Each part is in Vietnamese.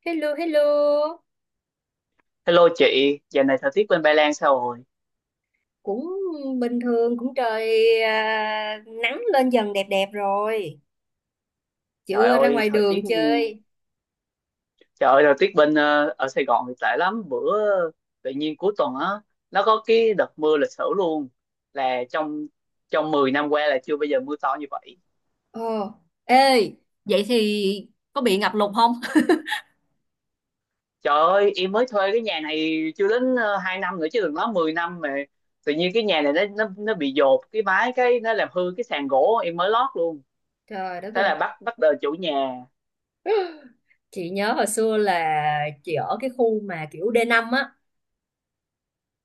Hello, hello. Hello chị, giờ này thời tiết bên Ba Lan sao rồi? Cũng bình thường, cũng trời nắng lên dần đẹp đẹp rồi. Trời Chưa ra ơi, ngoài thời tiết đường chơi. trời ơi, thời tiết bên ở Sài Gòn thì tệ lắm. Bữa tự nhiên cuối tuần á, nó có cái đợt mưa lịch sử luôn. Là trong trong 10 năm qua là chưa bao giờ mưa to như vậy. Ồ, ê, vậy thì có bị ngập lụt không? Trời ơi, em mới thuê cái nhà này chưa đến 2 năm nữa chứ đừng nói 10 năm, mà tự nhiên cái nhà này nó bị dột cái mái, cái nó làm hư cái sàn gỗ em mới lót luôn. Trời đất Thế ơi, là bắt bắt đời chủ nhà. chị nhớ hồi xưa là chị ở cái khu mà kiểu D5 á.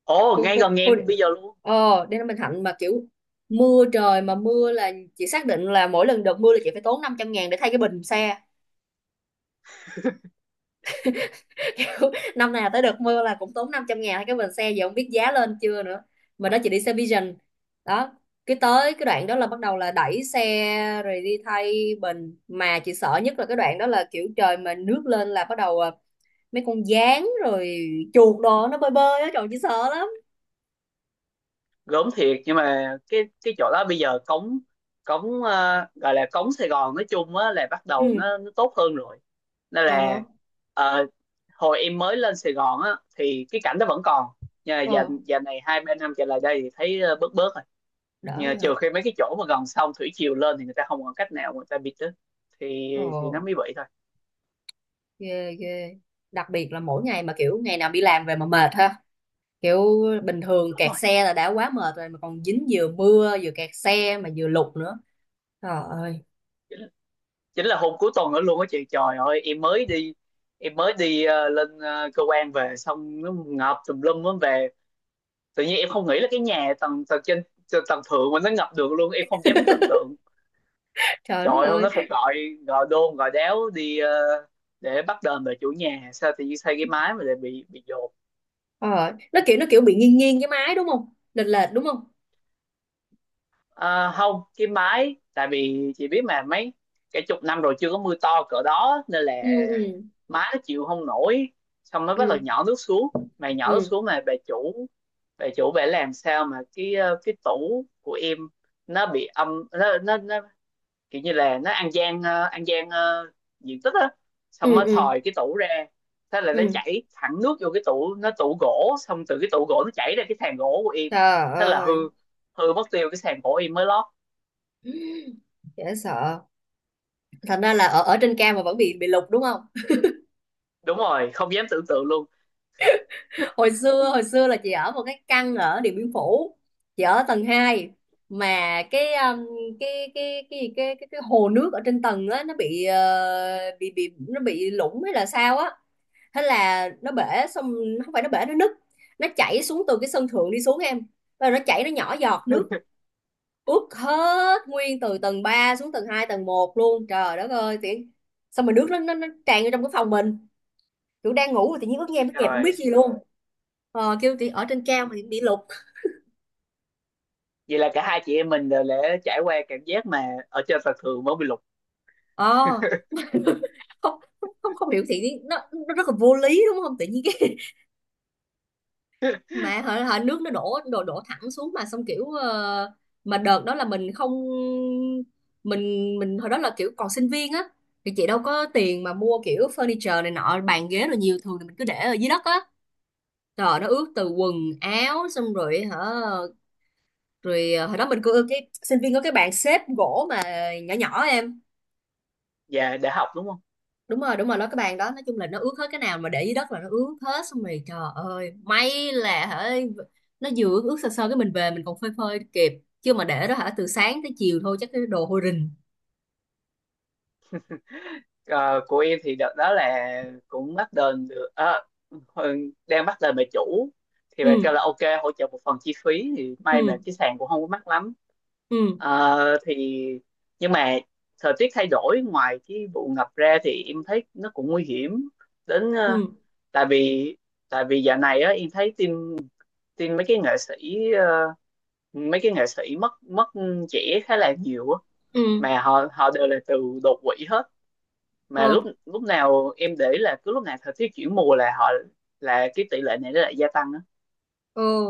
Ồ, Khu ngay khu gần nhà khu em bây giờ luôn. Ờ, D5 Bình Thạnh mà kiểu mưa trời mà mưa là chị xác định là mỗi lần đợt mưa là chị phải tốn 500.000 để thay cái bình xe. Kiểu năm nào tới đợt mưa là cũng tốn 500.000 cái bình xe, giờ không biết giá lên chưa nữa. Mà đó, chị đi xe Vision đó, cái tới cái đoạn đó là bắt đầu là đẩy xe rồi đi thay bình. Mà chị sợ nhất là cái đoạn đó là kiểu trời mà nước lên là bắt đầu mấy con gián rồi chuột đồ nó bơi bơi á, trời chị sợ lắm. Gớm thiệt, nhưng mà cái chỗ đó bây giờ cống cống ờ, gọi là cống Sài Gòn nói chung á, là bắt đầu Ừ. nó tốt hơn rồi, nên Ờ hả? là ờ, hồi em mới lên Sài Gòn á thì cái cảnh đó vẫn còn, nhưng mà giờ Ờ, giờ này 2-3 năm trở lại đây thì thấy bớt bớt rồi. đỡ Nhưng mà rồi hả? trừ khi mấy cái chỗ mà gần sông, thủy triều lên thì người ta không còn cách nào, người ta bịt đó, thì Ồ, thì nó mới bị thôi. ghê ghê. Đặc biệt là mỗi ngày mà kiểu ngày nào đi làm về mà mệt ha, kiểu bình thường Đúng kẹt rồi, xe là đã quá mệt rồi mà còn dính vừa mưa vừa kẹt xe mà vừa lụt nữa. Trời ơi. chính là hôm cuối tuần đó luôn á chị, trời ơi, em mới đi lên cơ quan về, xong nó ngập tùm lum á. Về tự nhiên em không nghĩ là cái nhà tầng tầng trên, tầng thượng mà nó ngập được luôn, em không dám tưởng tượng. Trời Trời đất ơi, hôm ơi. đó phải gọi gọi đôn gọi đéo đi để bắt đền về chủ nhà, sao tự nhiên xây cái mái mà lại bị dột. Ờ, nó kiểu bị nghiêng nghiêng cái máy, đúng không? Lệch lệch đúng không? Ờ, không, cái mái tại vì chị biết mà, mấy cả chục năm rồi chưa có mưa to cỡ đó nên là Ừ, ừ, mái nó chịu không nổi, xong nó bắt đầu ừ, nhỏ nước xuống. Mà nhỏ nước ừ, xuống mà bà chủ bà làm sao mà cái cái tủ của em nó bị âm, nó kiểu như là nó ăn gian, ăn gian diện tích á, xong ừ, nó ừ, thòi cái tủ ra. Thế là nó ừ. chảy thẳng nước vô cái tủ, nó tủ gỗ, xong từ cái tủ gỗ nó chảy ra cái sàn gỗ của em. Trời Thế là hư ơi, hư mất tiêu cái sàn gỗ em mới lót. dễ sợ. Thành ra là ở ở trên cao mà vẫn bị lụt đúng không? Đúng rồi, không dám tưởng tượng luôn. Hồi xưa là chị ở một cái căn ở Điện Biên Phủ, chị ở tầng hai. Mà cái cái gì, cái hồ nước ở trên tầng á, nó bị ờ, bị nó bị lũng hay là sao á. Thế là nó bể. Xong không phải nó bể, nó nứt. Nó chảy xuống từ cái sân thượng đi xuống em, rồi nó chảy, nó nhỏ giọt nước, ướt hết nguyên từ tầng 3 xuống tầng 2 tầng một luôn. Trời đất ơi, tiện. Xong mà nước nó tràn vô trong cái phòng mình, kiểu đang ngủ rồi tự nhiên ướt nhẹp không biết Rồi. gì luôn. Kêu thì ở trên cao mà bị lục. Vậy là cả hai chị em mình đều đã trải qua cảm giác mà ở trên sàn thường mới bị lục. Ờ. Không, không, không, không hiểu thì nó rất là vô lý, đúng không? Tự nhiên cái mà hả, hả, nước nó đổ đổ đổ thẳng xuống. Mà xong kiểu mà đợt đó là mình không mình mình hồi đó là kiểu còn sinh viên á, thì chị đâu có tiền mà mua kiểu furniture này nọ, bàn ghế rồi nhiều thường thì mình cứ để ở dưới đất á. Trời, nó ướt từ quần áo xong rồi hả? Rồi hồi đó mình có cái sinh viên có cái bàn xếp gỗ mà nhỏ nhỏ em. Và đã học đúng không? Đúng rồi, đúng rồi, nó cái bàn đó nói chung là nó ướt hết. Cái nào mà để dưới đất là nó ướt hết. Xong rồi trời ơi, may là hả, nó vừa ướt ướt sơ sơ cái mình về mình còn phơi phơi kịp. Chứ mà để đó hả, từ sáng tới chiều thôi chắc cái đồ hôi rình. Ờ, của em thì đợt đó là cũng bắt đền được, đang bắt đền bà chủ thì bà Ừ, kêu là ok, hỗ trợ một phần chi phí, thì may mà ừ, cái sàn cũng không có mắc lắm. ừ, Ờ, thì Nhưng mà thời tiết thay đổi, ngoài cái vụ ngập ra thì em thấy nó cũng nguy hiểm đến ừ, ừ, tại vì, dạo này á em thấy tin tin mấy cái nghệ sĩ ờ, mấy cái nghệ sĩ mất mất trẻ khá là nhiều á. ừ. Mà họ họ đều là từ đột quỵ hết. Mà Ờ. lúc lúc nào em để ý là cứ lúc nào thời tiết chuyển mùa là họ, cái tỷ lệ này nó lại gia tăng á. Ừ.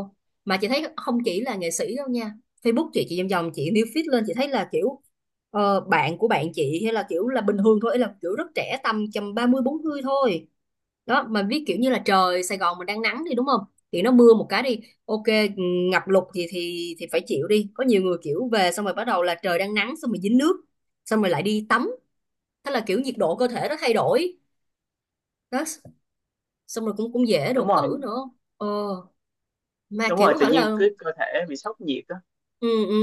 Mà chị thấy không chỉ là nghệ sĩ đâu nha. Facebook chị vòng vòng chị new feed lên, chị thấy là kiểu bạn của bạn chị hay là kiểu là bình thường thôi, là kiểu rất trẻ, tầm tầm 34 40 thôi đó. Mà biết kiểu như là trời Sài Gòn mình đang nắng, đi đúng không? Thì nó mưa một cái, đi ok, ừ, ngập lụt gì thì phải chịu đi. Có nhiều người kiểu về xong rồi bắt đầu là trời đang nắng xong rồi dính nước, xong rồi lại đi tắm. Thế là kiểu nhiệt độ cơ thể nó thay đổi đó, xong rồi cũng cũng dễ Đúng đột rồi, tử nữa. Ờ, mà đúng rồi, kiểu tự hả nhiên là cứ cơ thể bị sốc nhiệt á. ừ, ừ,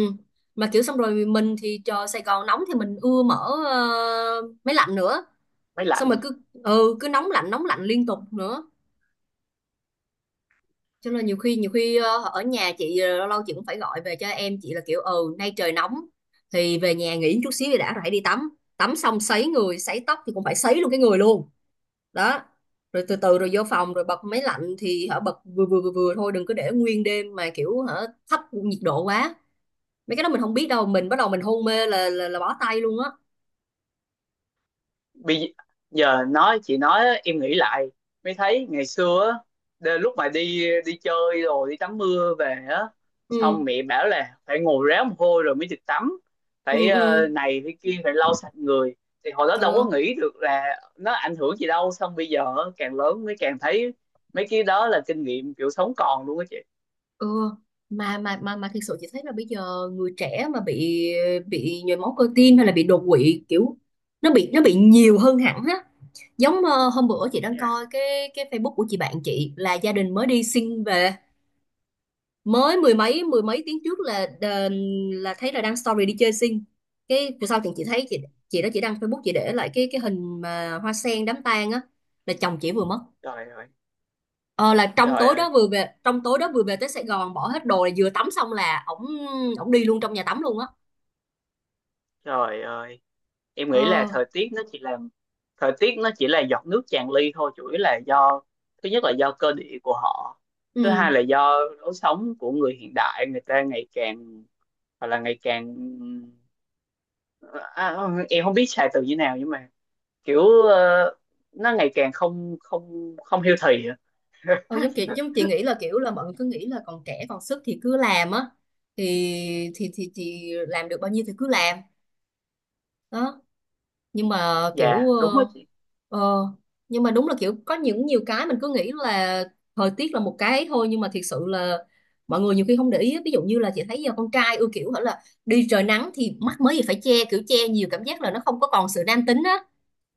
mà kiểu xong rồi mình thì trời Sài Gòn nóng thì mình ưa mở máy lạnh nữa, Máy xong rồi lạnh. cứ ừ, cứ nóng lạnh liên tục nữa. Cho nên nhiều khi ở nhà chị lâu lâu chị cũng phải gọi về cho em chị là kiểu ừ nay trời nóng, thì về nhà nghỉ chút xíu thì đã rồi hãy đi tắm. Tắm xong sấy người sấy tóc thì cũng phải sấy luôn cái người luôn đó. Rồi từ từ rồi vô phòng rồi bật máy lạnh thì hả, bật vừa vừa thôi, đừng có để nguyên đêm mà kiểu hả, thấp nhiệt độ quá. Mấy cái đó mình không biết đâu, mình bắt đầu mình hôn mê là là bó tay luôn á. Bây giờ nói, chị nói em nghĩ lại mới thấy ngày xưa á, lúc mà đi đi chơi rồi đi tắm mưa về á, xong Ừ, mẹ bảo là phải ngồi ráo mồ hôi rồi mới được tắm, phải ừ, ừ, này phải kia, phải lau sạch người, thì hồi đó đâu có ừ, nghĩ được là nó ảnh hưởng gì đâu. Xong bây giờ á, càng lớn mới càng thấy mấy cái đó là kinh nghiệm kiểu sống còn luôn á chị. ừ. Mà thiệt sự chị thấy là bây giờ người trẻ mà bị nhồi máu cơ tim hay là bị đột quỵ kiểu nó bị nhiều hơn hẳn á. Giống ờ, hôm bữa chị đang Dạ. coi cái Facebook của chị bạn chị, là gia đình mới đi sinh về. Mới mười mấy tiếng trước là thấy là đăng story đi chơi xinh. Cái về sau thì chị đó, chị đăng Facebook, chị để lại cái hình mà hoa sen đám tang á, là chồng chị vừa mất. Trời ơi, Ờ, là trong trời tối ơi, đó vừa về, trong tối đó vừa về tới Sài Gòn bỏ hết đồ là vừa tắm xong là ổng ổng đi luôn trong nhà tắm luôn á. trời ơi. Em nghĩ là Ờ. Thời tiết nó chỉ là giọt nước tràn ly thôi, chủ yếu là do, thứ nhất là do cơ địa của họ, thứ Ừ. hai là do lối sống của người hiện đại. Người ta ngày càng, hoặc là ngày càng, à, em không biết xài từ như nào, nhưng mà kiểu nó ngày càng không không không healthy á. Ờ, giống chị nghĩ là kiểu là mọi người cứ nghĩ là còn trẻ còn sức thì cứ làm á. Thì chị làm được bao nhiêu thì cứ làm đó. Nhưng mà kiểu Dạ đúng á chị. ờ, nhưng mà đúng là kiểu có những nhiều cái mình cứ nghĩ là thời tiết là một cái thôi, nhưng mà thiệt sự là mọi người nhiều khi không để ý á. Ví dụ như là chị thấy giờ con trai ưa kiểu hả là đi trời nắng thì mắc mới gì phải che, kiểu che nhiều cảm giác là nó không có còn sự nam tính á.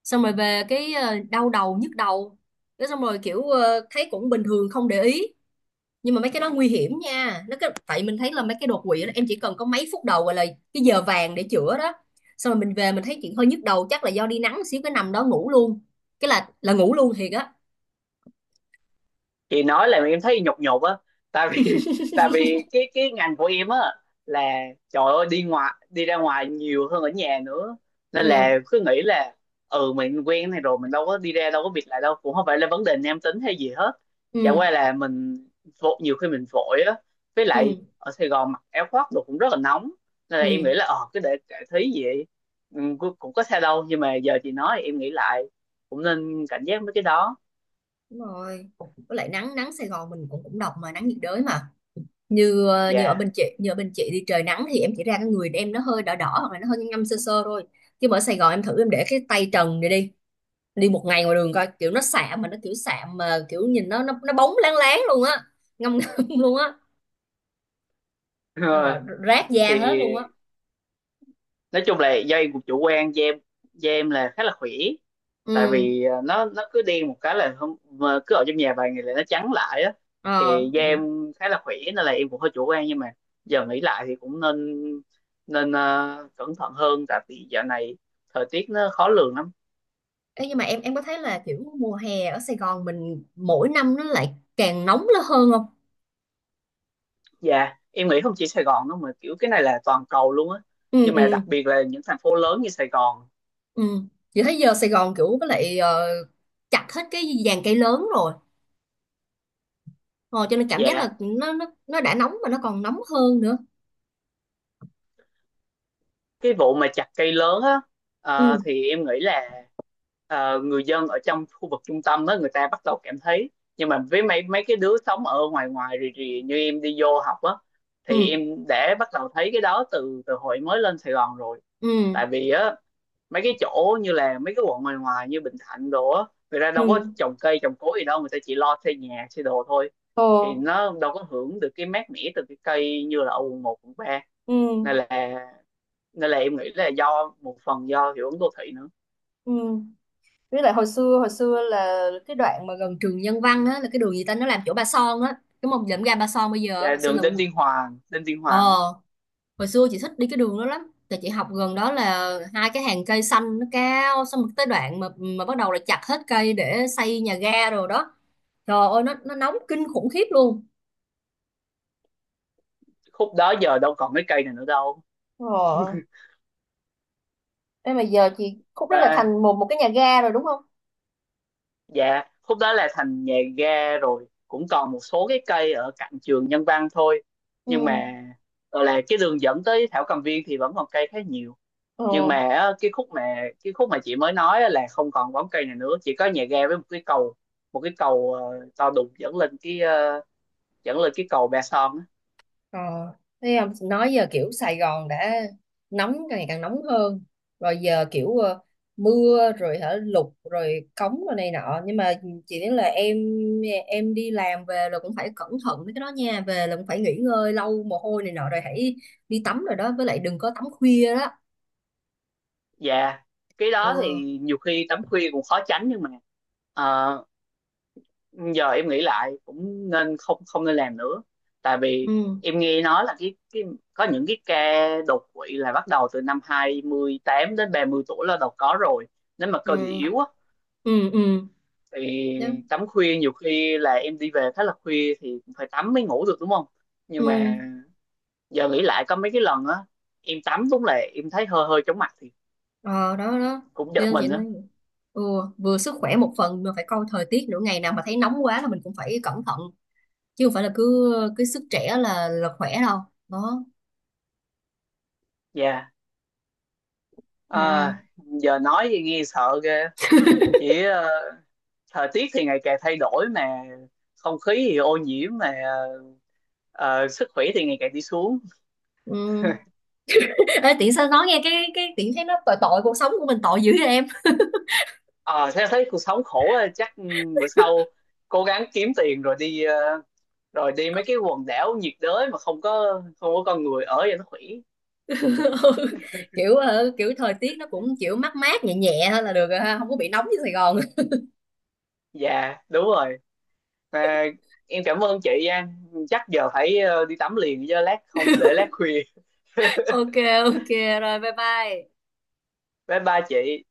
Xong rồi về cái đau đầu nhức đầu, cái xong rồi kiểu thấy cũng bình thường, không để ý. Nhưng mà mấy cái đó nguy hiểm nha, nó cái tại mình thấy là mấy cái đột quỵ đó, em chỉ cần có mấy phút đầu gọi là cái giờ vàng để chữa đó. Xong rồi mình về mình thấy chuyện hơi nhức đầu, chắc là do đi nắng xíu, cái nằm đó ngủ luôn, cái là ngủ luôn thiệt á. Chị nói là em thấy nhục nhục á, tại vì tại vì cái ngành của em á, là trời ơi, đi ra ngoài nhiều hơn ở nhà nữa, nên Ừ, là cứ nghĩ là ừ mình quen này rồi, mình đâu có đi ra đâu có việc lại đâu, cũng không phải là vấn đề nam tính hay gì hết, chả ừ, qua là mình vội, nhiều khi mình vội á, với lại ừ, ở Sài Gòn mặc áo khoác đồ cũng rất là nóng, nên là em nghĩ ừ. là cái để cải thí vậy, ừ, cũng cũng có sao đâu. Nhưng mà giờ chị nói em nghĩ lại cũng nên cảnh giác với cái đó. Đúng rồi, với lại nắng nắng Sài Gòn mình cũng cũng độc mà, nắng nhiệt đới mà. Dạ. Như ở bên chị đi trời nắng thì em chỉ ra cái người em nó hơi đỏ đỏ hoặc là nó hơi ngâm ngâm sơ sơ thôi. Chứ mà ở Sài Gòn em thử em để cái tay trần này đi, đi một ngày ngoài đường coi, kiểu nó xạ mà nó kiểu xạ mà kiểu nhìn nó bóng láng láng luôn á, ngâm ngâm luôn á. Ờ, rát Thì da hết luôn á. nói chung là do em cũng chủ quan, da em là khá là khỏe, tại Ừ. vì nó cứ đen một cái là không, mà cứ ở trong nhà vài ngày là nó trắng lại á. Ờ. Thì da em khá là khỏe, nên là em cũng hơi chủ quan, nhưng mà giờ nghĩ lại thì cũng nên, nên cẩn thận hơn, tại vì dạo này thời tiết nó khó lường lắm. Ê, nhưng mà em có thấy là kiểu mùa hè ở Sài Gòn mình mỗi năm nó lại càng nóng lên hơn không? Dạ em nghĩ không chỉ Sài Gòn đâu mà kiểu cái này là toàn cầu luôn á, Ừ, nhưng mà ừ, đặc biệt là những thành phố lớn như Sài Gòn. ừ. Chị thấy giờ Sài Gòn kiểu với lại chặt hết cái dàn cây lớn rồi, ờ, cho nên cảm giác Dạ, là nó đã nóng mà nó còn nóng hơn nữa. cái vụ mà chặt cây lớn á, Ừ, thì em nghĩ là người dân ở trong khu vực trung tâm đó người ta bắt đầu cảm thấy. Nhưng mà với mấy mấy cái đứa sống ở ngoài ngoài rì rì như em đi vô học á, thì ừ, em đã bắt đầu thấy cái đó từ từ hồi mới lên Sài Gòn rồi. ừ, Tại vì á, mấy cái chỗ như là mấy cái quận ngoài ngoài như Bình Thạnh đồ á, người ta ừ. đâu có trồng cây trồng cối gì đâu, người ta chỉ lo xây nhà xây đồ thôi, Ồ. thì nó đâu có hưởng được cái mát mẻ từ cái cây như là ở quận 1, quận 3. Ừ, Nên là nên là em nghĩ là do một phần do hiệu ứng đô thị nữa. ừ, với lại hồi xưa là cái đoạn mà gần trường Nhân Văn á, là cái đường gì ta, nó làm chỗ Ba Son á, cái mông lượm ga Ba Son bây giờ, Dạ, hồi xưa đường là Đinh Tiên Hoàng, á. ờ, hồi xưa chị thích đi cái đường đó lắm tại chị học gần đó, là hai cái hàng cây xanh nó cao, xong rồi tới đoạn mà bắt đầu là chặt hết cây để xây nhà ga rồi đó. Trời ơi, nó nóng kinh khủng khiếp luôn. Khúc đó giờ đâu còn cái cây này nữa đâu. Ờ, thế mà giờ chị khúc đó là À, thành một một cái nhà ga rồi đúng không? dạ khúc đó là thành nhà ga rồi, cũng còn một số cái cây ở cạnh trường Nhân Văn thôi, nhưng Ừ. mà gọi là cái đường dẫn tới Thảo Cầm Viên thì vẫn còn cây khá nhiều. Nhưng Ờ. mà á, cái khúc mà chị mới nói á là không còn bóng cây này nữa, chỉ có nhà ga với một cái cầu to đùng dẫn lên cái cầu Ba Son á. Ờ, thấy không, nói giờ kiểu Sài Gòn đã nóng càng ngày càng nóng hơn, rồi giờ kiểu mưa rồi hả lụt rồi cống rồi này nọ. Nhưng mà chỉ nói là em đi làm về là cũng phải cẩn thận với cái đó nha, về là cũng phải nghỉ ngơi lâu mồ hôi này nọ rồi hãy đi tắm rồi đó, với lại đừng có tắm khuya đó. Dạ, cái đó Ừ, thì nhiều khi tắm khuya cũng khó tránh, nhưng mà ờ, giờ em nghĩ lại cũng nên, không, không nên làm nữa. Tại vì ừ, em nghe nói là cái có những cái ca đột quỵ là bắt đầu từ năm 28 đến 30 tuổi là đầu có rồi. Nếu mà cơ địa ừ, yếu á ừ, ừ. thì Đó. tắm khuya, nhiều khi là em đi về khá là khuya thì cũng phải tắm mới ngủ được đúng không? Nhưng Ừ. mà giờ nghĩ lại có mấy cái lần á em tắm, đúng là em thấy hơi hơi chóng mặt thì Ờ, đó đó, cũng cho giật nên mình chị nói á. ừ, vừa sức khỏe một phần mà phải coi thời tiết nữa, ngày nào mà thấy nóng quá là mình cũng phải cẩn thận, chứ không phải là cứ cứ sức trẻ là khỏe đâu đó. Dạ. Ừ. À, giờ nói thì nghe sợ ghê. Chỉ thời tiết thì ngày càng thay đổi mà không khí thì ô nhiễm, mà ờ, sức khỏe thì ngày càng đi xuống. Ừ. Ê, tiện sao nói nghe cái tiện thấy nó tội tội cuộc sống của mình tội dữ vậy em. Ờ Thế thấy cuộc sống khổ á, chắc ừ, bữa sau cố gắng kiếm tiền rồi đi mấy cái quần đảo nhiệt đới mà không có con người ở cho nó khỏe. Ừ. Kiểu ờ, kiểu thời tiết nó cũng kiểu mát mát nhẹ nhẹ thôi là được rồi ha, không có bị nóng như Sài Gòn. Dạ đúng rồi. Mà em cảm ơn chị nha, chắc giờ phải đi tắm liền, chứ lát không để lát khuya. Ok, ok, rồi bye bye. Bye bye chị.